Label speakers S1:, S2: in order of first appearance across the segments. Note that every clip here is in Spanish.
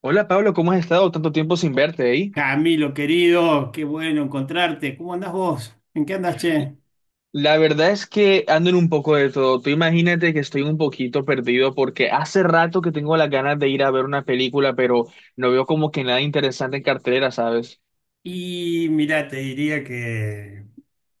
S1: Hola Pablo, ¿cómo has estado? Tanto tiempo sin verte ahí.
S2: Camilo, querido, qué bueno encontrarte. ¿Cómo andás vos? ¿En qué andás, che?
S1: La verdad es que ando en un poco de todo. Tú imagínate que estoy un poquito perdido porque hace rato que tengo las ganas de ir a ver una película, pero no veo como que nada interesante en cartelera, ¿sabes?
S2: Y mira, te diría que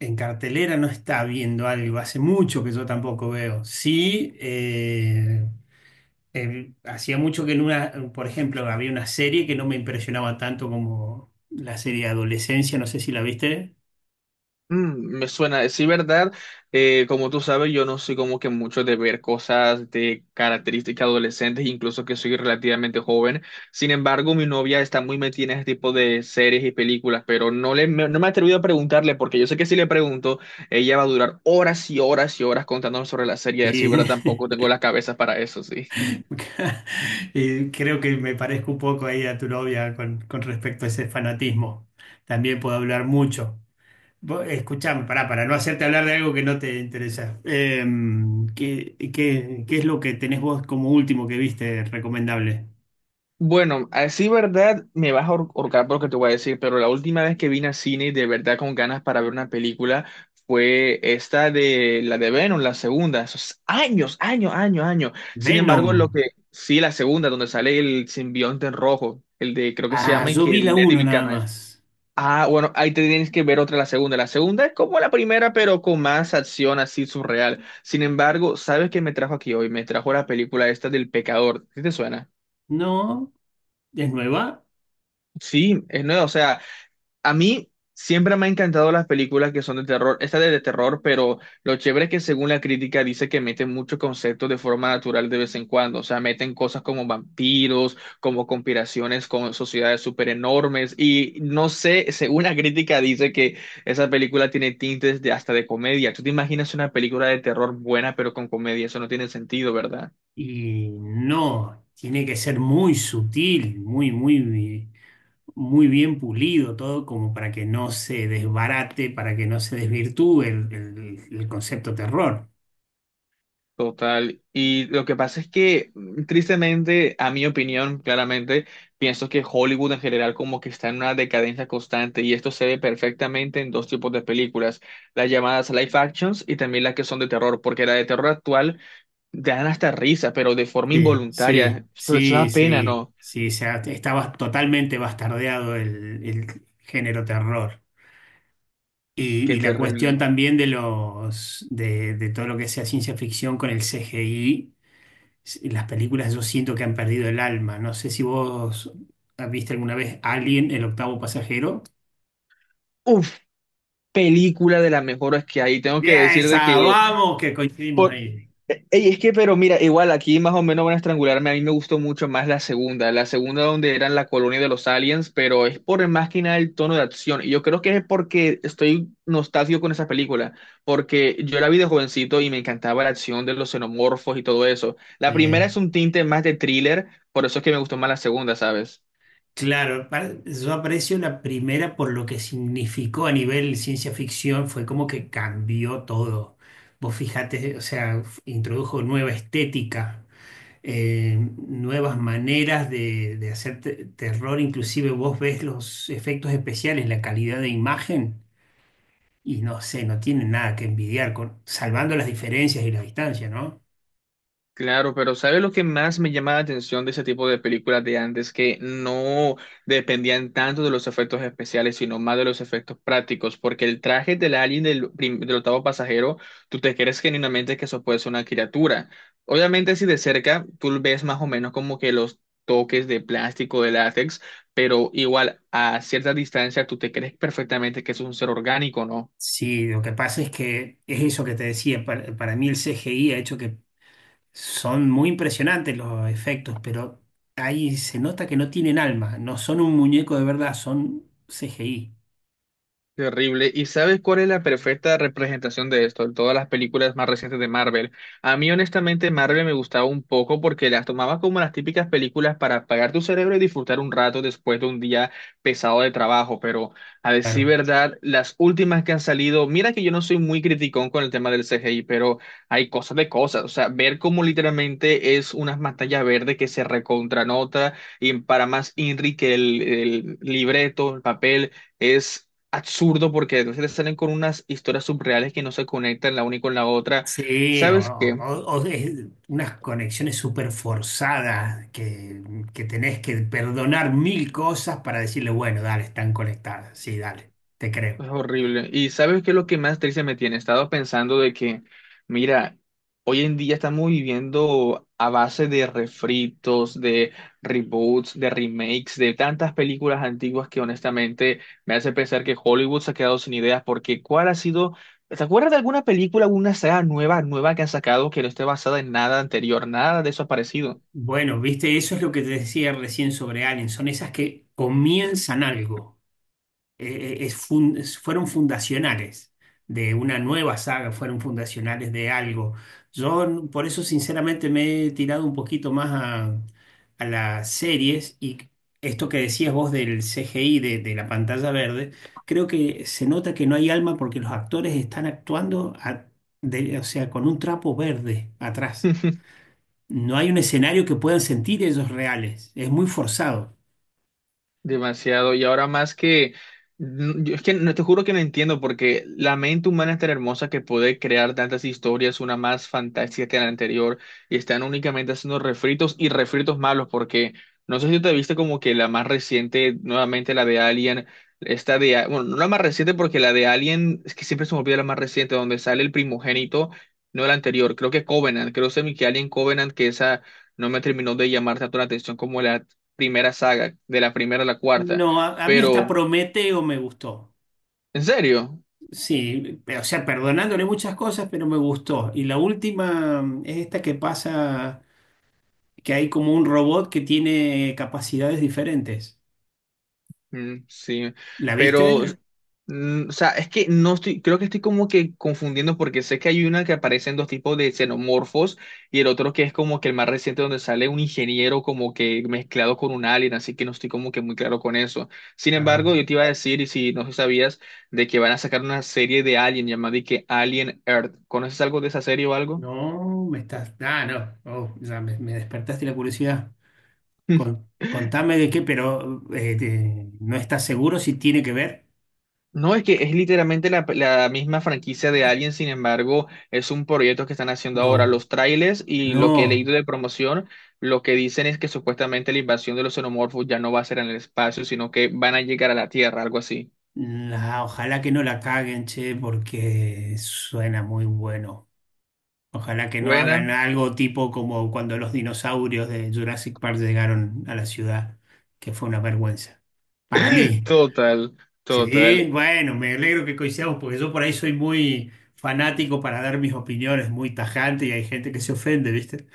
S2: en cartelera no está viendo algo, hace mucho que yo tampoco veo. Sí, hacía mucho que en una, por ejemplo, había una serie que no me impresionaba tanto como la serie Adolescencia, no sé si la viste.
S1: Mm, me suena, sí, verdad. Como tú sabes, yo no soy como que mucho de ver cosas de características adolescentes, incluso que soy relativamente joven. Sin embargo, mi novia está muy metida en este tipo de series y películas, pero no me he atrevido a preguntarle porque yo sé que si le pregunto, ella va a durar horas y horas y horas contándome sobre la serie. Así,
S2: Y,
S1: verdad, tampoco tengo las cabezas para eso, sí.
S2: y creo que me parezco un poco ahí a tu novia con respecto a ese fanatismo. También puedo hablar mucho. Vos, Escuchame, pará, para no hacerte hablar de algo que no te interesa. ¿Qué es lo que tenés vos como último que viste recomendable?
S1: Bueno, así verdad me vas a ahorcar por lo que te voy a decir, pero la última vez que vine al cine de verdad con ganas para ver una película fue esta de la de Venom, la segunda, esos años. Sin
S2: Venom.
S1: embargo, lo que sí, la segunda, donde sale el simbionte en rojo, el de creo que se
S2: Ah,
S1: llama y
S2: yo
S1: que
S2: vi la
S1: el de
S2: uno
S1: David
S2: nada
S1: Carnage.
S2: más.
S1: Ah, bueno, ahí te tienes que ver otra, la segunda. La segunda es como la primera, pero con más acción así surreal. Sin embargo, ¿sabes qué me trajo aquí hoy? Me trajo la película esta del Pecador. ¿Sí te suena?
S2: No, es nueva.
S1: Sí, es nuevo. O sea, a mí siempre me han encantado las películas que son de terror. Esta es de terror, pero lo chévere es que según la crítica dice que meten muchos conceptos de forma natural de vez en cuando. O sea, meten cosas como vampiros, como conspiraciones con sociedades súper enormes. Y no sé, según la crítica dice que esa película tiene tintes de hasta de comedia. ¿Tú te imaginas una película de terror buena pero con comedia? Eso no tiene sentido, ¿verdad?
S2: Y no, tiene que ser muy sutil, muy, muy, muy bien pulido todo, como para que no se desbarate, para que no se desvirtúe el concepto terror.
S1: Total. Y lo que pasa es que, tristemente, a mi opinión, claramente, pienso que Hollywood en general como que está en una decadencia constante y esto se ve perfectamente en dos tipos de películas, las llamadas live actions y también las que son de terror, porque la de terror actual te dan hasta risa, pero de forma
S2: Sí,
S1: involuntaria.
S2: sí,
S1: Eso
S2: sí,
S1: da pena,
S2: sí,
S1: ¿no?
S2: sí, o sea, estaba totalmente bastardeado el género terror. Y,
S1: Qué
S2: y la cuestión
S1: terrible.
S2: también de los de todo lo que sea ciencia ficción con el CGI. Las películas yo siento que han perdido el alma. No sé si vos viste alguna vez Alien, el octavo pasajero.
S1: Uf, película de las mejores que hay. Tengo que
S2: Bien,
S1: decir de
S2: esa,
S1: que...
S2: vamos, que coincidimos
S1: por-
S2: ahí.
S1: Ey, es que, pero mira, igual aquí más o menos van a estrangularme. A mí me gustó mucho más la segunda donde eran la colonia de los aliens, pero es por más que nada el tono de acción. Y yo creo que es porque estoy nostálgico con esa película, porque yo la vi de jovencito y me encantaba la acción de los xenomorfos y todo eso. La primera
S2: Sí.
S1: es un tinte más de thriller, por eso es que me gustó más la segunda, ¿sabes?
S2: Claro, yo aprecio la primera por lo que significó a nivel ciencia ficción, fue como que cambió todo. Vos fijate, o sea, introdujo nueva estética, nuevas maneras de hacer terror, inclusive vos ves los efectos especiales, la calidad de imagen, y no sé, no tiene nada que envidiar, con, salvando las diferencias y la distancia, ¿no?
S1: Claro, pero ¿sabes lo que más me llama la atención de ese tipo de películas de antes? Que no dependían tanto de los efectos especiales, sino más de los efectos prácticos, porque el traje del alien del octavo pasajero, tú te crees genuinamente que eso puede ser una criatura. Obviamente si de cerca, tú ves más o menos como que los toques de plástico, de látex, pero igual a cierta distancia, tú te crees perfectamente que eso es un ser orgánico, ¿no?
S2: Sí, lo que pasa es que es eso que te decía, para, mí el CGI ha hecho que. Son muy impresionantes los efectos, pero ahí se nota que no tienen alma, no son un muñeco de verdad, son CGI.
S1: Terrible. ¿Y sabes cuál es la perfecta representación de esto? En todas las películas más recientes de Marvel. A mí, honestamente, Marvel me gustaba un poco porque las tomaba como las típicas películas para apagar tu cerebro y disfrutar un rato después de un día pesado de trabajo. Pero, a decir
S2: Claro.
S1: verdad, las últimas que han salido, mira que yo no soy muy criticón con el tema del CGI, pero hay cosas de cosas. O sea, ver cómo literalmente es una pantalla verde que se recontranota y para más inri que el libreto, el papel. Es absurdo porque entonces te salen con unas historias subreales que no se conectan la una con la otra.
S2: Sí, o,
S1: ¿Sabes qué?
S2: o- o es unas conexiones súper forzadas que tenés que perdonar mil cosas para decirle, bueno, dale, están conectadas, sí, dale, te creo.
S1: Es horrible. ¿Y sabes qué es lo que más triste me tiene? He estado pensando de que, mira, hoy en día estamos viviendo a base de refritos, de reboots, de remakes, de tantas películas antiguas que honestamente me hace pensar que Hollywood se ha quedado sin ideas porque ¿cuál ha sido... ¿Te acuerdas de alguna película, alguna saga nueva, nueva que han sacado que no esté basada en nada anterior? Nada de eso ha aparecido.
S2: Bueno, viste, eso es lo que te decía recién sobre Alien, son esas que comienzan algo. Fueron fundacionales de una nueva saga, fueron fundacionales de algo. Yo por eso sinceramente me he tirado un poquito más a, las series y esto que decías vos del CGI, de la pantalla verde, creo que se nota que no hay alma porque los actores están actuando o sea, con un trapo verde atrás. No hay un escenario que puedan sentir ellos reales. Es muy forzado.
S1: Demasiado. Y ahora más que, yo es que no te juro que no entiendo porque la mente humana es tan hermosa que puede crear tantas historias, una más fantástica que la anterior, y están únicamente haciendo refritos y refritos malos porque no sé si te viste como que la más reciente, nuevamente la de Alien, esta de, bueno, no la más reciente porque la de Alien, es que siempre se me olvida la más reciente, donde sale el primogénito, no la anterior, creo que Covenant, creo semi que Alien Covenant, que esa no me terminó de llamar tanto la atención como la primera saga, de la primera a la cuarta,
S2: No, a, mí hasta
S1: pero,
S2: Prometeo me gustó.
S1: ¿en serio?
S2: Sí, o sea, perdonándole muchas cosas, pero me gustó. Y la última es esta que pasa, que hay como un robot que tiene capacidades diferentes.
S1: Mm, sí,
S2: ¿La viste?
S1: pero, o sea, es que no estoy, creo que estoy como que confundiendo porque sé que hay una que aparecen dos tipos de xenomorfos y el otro que es como que el más reciente donde sale un ingeniero como que mezclado con un alien, así que no estoy como que muy claro con eso. Sin embargo,
S2: Ah,
S1: yo te iba a decir, y si no sabías, de que van a sacar una serie de Alien llamada y que Alien Earth. ¿Conoces algo de esa serie o algo?
S2: no, Ah, no. Oh, ya me despertaste la curiosidad. Contame de qué, pero ¿no estás seguro si tiene que ver?
S1: No, es que es literalmente la misma franquicia de Alien, sin embargo, es un proyecto que están haciendo ahora.
S2: No,
S1: Los trailers y lo que he
S2: no.
S1: leído de promoción, lo que dicen es que supuestamente la invasión de los xenomorfos ya no va a ser en el espacio, sino que van a llegar a la Tierra, algo así.
S2: Ojalá que no la caguen, che, porque suena muy bueno. Ojalá que no
S1: Buena.
S2: hagan algo tipo como cuando los dinosaurios de Jurassic Park llegaron a la ciudad, que fue una vergüenza. Para mí.
S1: Total,
S2: Sí,
S1: total.
S2: bueno, me alegro que coincidamos porque yo por ahí soy muy fanático para dar mis opiniones, muy tajante y hay gente que se ofende, ¿viste?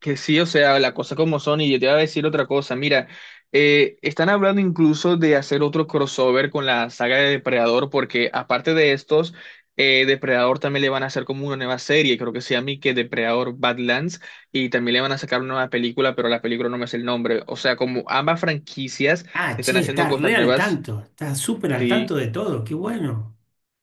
S1: Que sí, o sea, la cosa como son, y yo te iba a decir otra cosa. Mira, están hablando incluso de hacer otro crossover con la saga de Depredador, porque aparte de estos, Depredador también le van a hacer como una nueva serie, creo que se llama y que Depredador Badlands, y también le van a sacar una nueva película, pero la película no me es el nombre. O sea, como ambas franquicias
S2: Ah, che,
S1: están haciendo
S2: estás
S1: cosas
S2: re al
S1: nuevas,
S2: tanto, estás súper al tanto
S1: sí.
S2: de todo, qué bueno.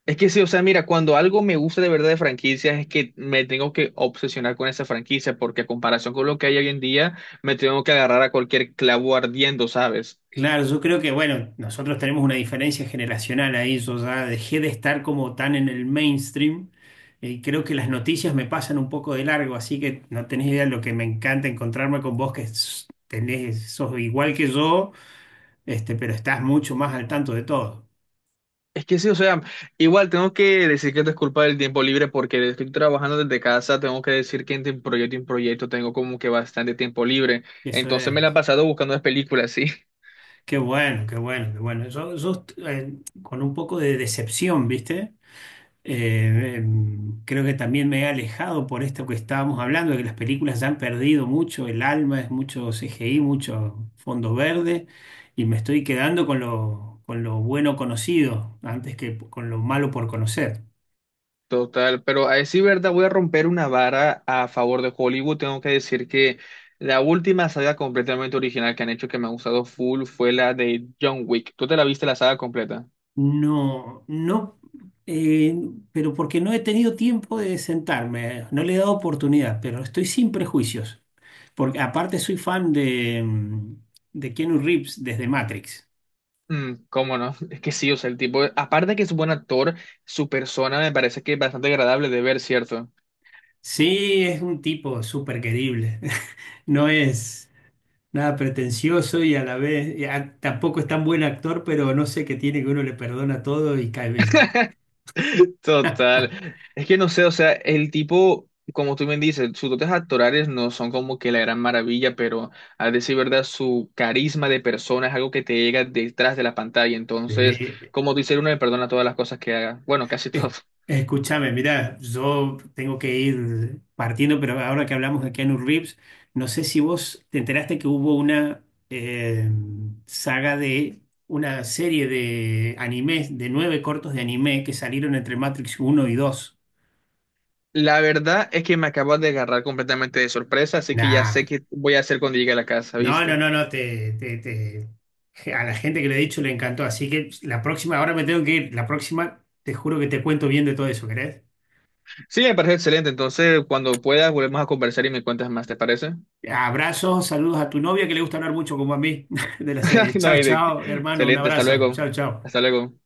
S1: Es que sí, o sea, mira, cuando algo me gusta de verdad de franquicias es que me tengo que obsesionar con esa franquicia, porque a comparación con lo que hay hoy en día, me tengo que agarrar a cualquier clavo ardiendo, ¿sabes?
S2: Claro, yo creo que, bueno, nosotros tenemos una diferencia generacional ahí. Yo ya dejé de estar como tan en el mainstream. Y creo que las noticias me pasan un poco de largo, así que no tenés idea lo que me encanta encontrarme con vos, que tenés, sos igual que yo, este, pero estás mucho más al tanto de todo.
S1: Es que sí, o sea, igual tengo que decir que esto es culpa del tiempo libre porque estoy trabajando desde casa, tengo que decir que entre un proyecto y un proyecto tengo como que bastante tiempo libre,
S2: Eso
S1: entonces me la he
S2: es.
S1: pasado buscando las películas, sí.
S2: Qué bueno, qué bueno, qué bueno. Con un poco de decepción, ¿viste? Creo que también me he alejado por esto que estábamos hablando, de que las películas ya han perdido mucho el alma, es mucho CGI, mucho fondo verde, y me estoy quedando con lo, bueno conocido antes que con lo malo por conocer.
S1: Total, pero a decir verdad, voy a romper una vara a favor de Hollywood. Tengo que decir que la última saga completamente original que han hecho que me ha gustado full fue la de John Wick. ¿Tú te la viste la saga completa?
S2: No, no, eh, pero porque no he tenido tiempo de sentarme, no le he dado oportunidad, pero estoy sin prejuicios, porque aparte soy fan de Keanu Reeves desde Matrix.
S1: Mm, ¿cómo no? Es que sí, o sea, el tipo, aparte de que es un buen actor, su persona me parece que es bastante agradable de ver, ¿cierto?
S2: Sí, es un tipo súper querible. No es nada pretencioso y a la vez tampoco es tan buen actor, pero no sé qué tiene que uno le perdona todo y cae bien.
S1: Total. Es que no sé, o sea, el tipo, como tú bien dices, sus dotes actorales no son como que la gran maravilla, pero a decir verdad, su carisma de persona es algo que te llega detrás de la pantalla. Entonces,
S2: Sí.
S1: como dice uno, le perdona todas las cosas que haga. Bueno, casi
S2: Es-
S1: todo.
S2: Escúchame, mira, yo tengo que ir partiendo, pero ahora que hablamos de Keanu Reeves, no sé si vos te enteraste que hubo una saga de una serie de animes, de nueve cortos de anime que salieron entre Matrix uno y 2.
S1: La verdad es que me acabas de agarrar completamente de sorpresa, así que ya
S2: Nah.
S1: sé qué voy a hacer cuando llegue a la casa,
S2: No, no,
S1: ¿viste?
S2: no, no, a la gente que le he dicho le encantó, así que la próxima, ahora me tengo que ir, la próxima te juro que te cuento bien de todo eso, ¿querés?
S1: Sí, me parece excelente. Entonces, cuando puedas, volvemos a conversar y me cuentas más, ¿te parece?
S2: Abrazos, saludos a tu novia que le gusta hablar mucho como a mí de la serie.
S1: No
S2: Chao,
S1: hay de qué.
S2: chao, hermano, un
S1: Excelente, hasta
S2: abrazo.
S1: luego.
S2: Chao, chao.
S1: Hasta luego.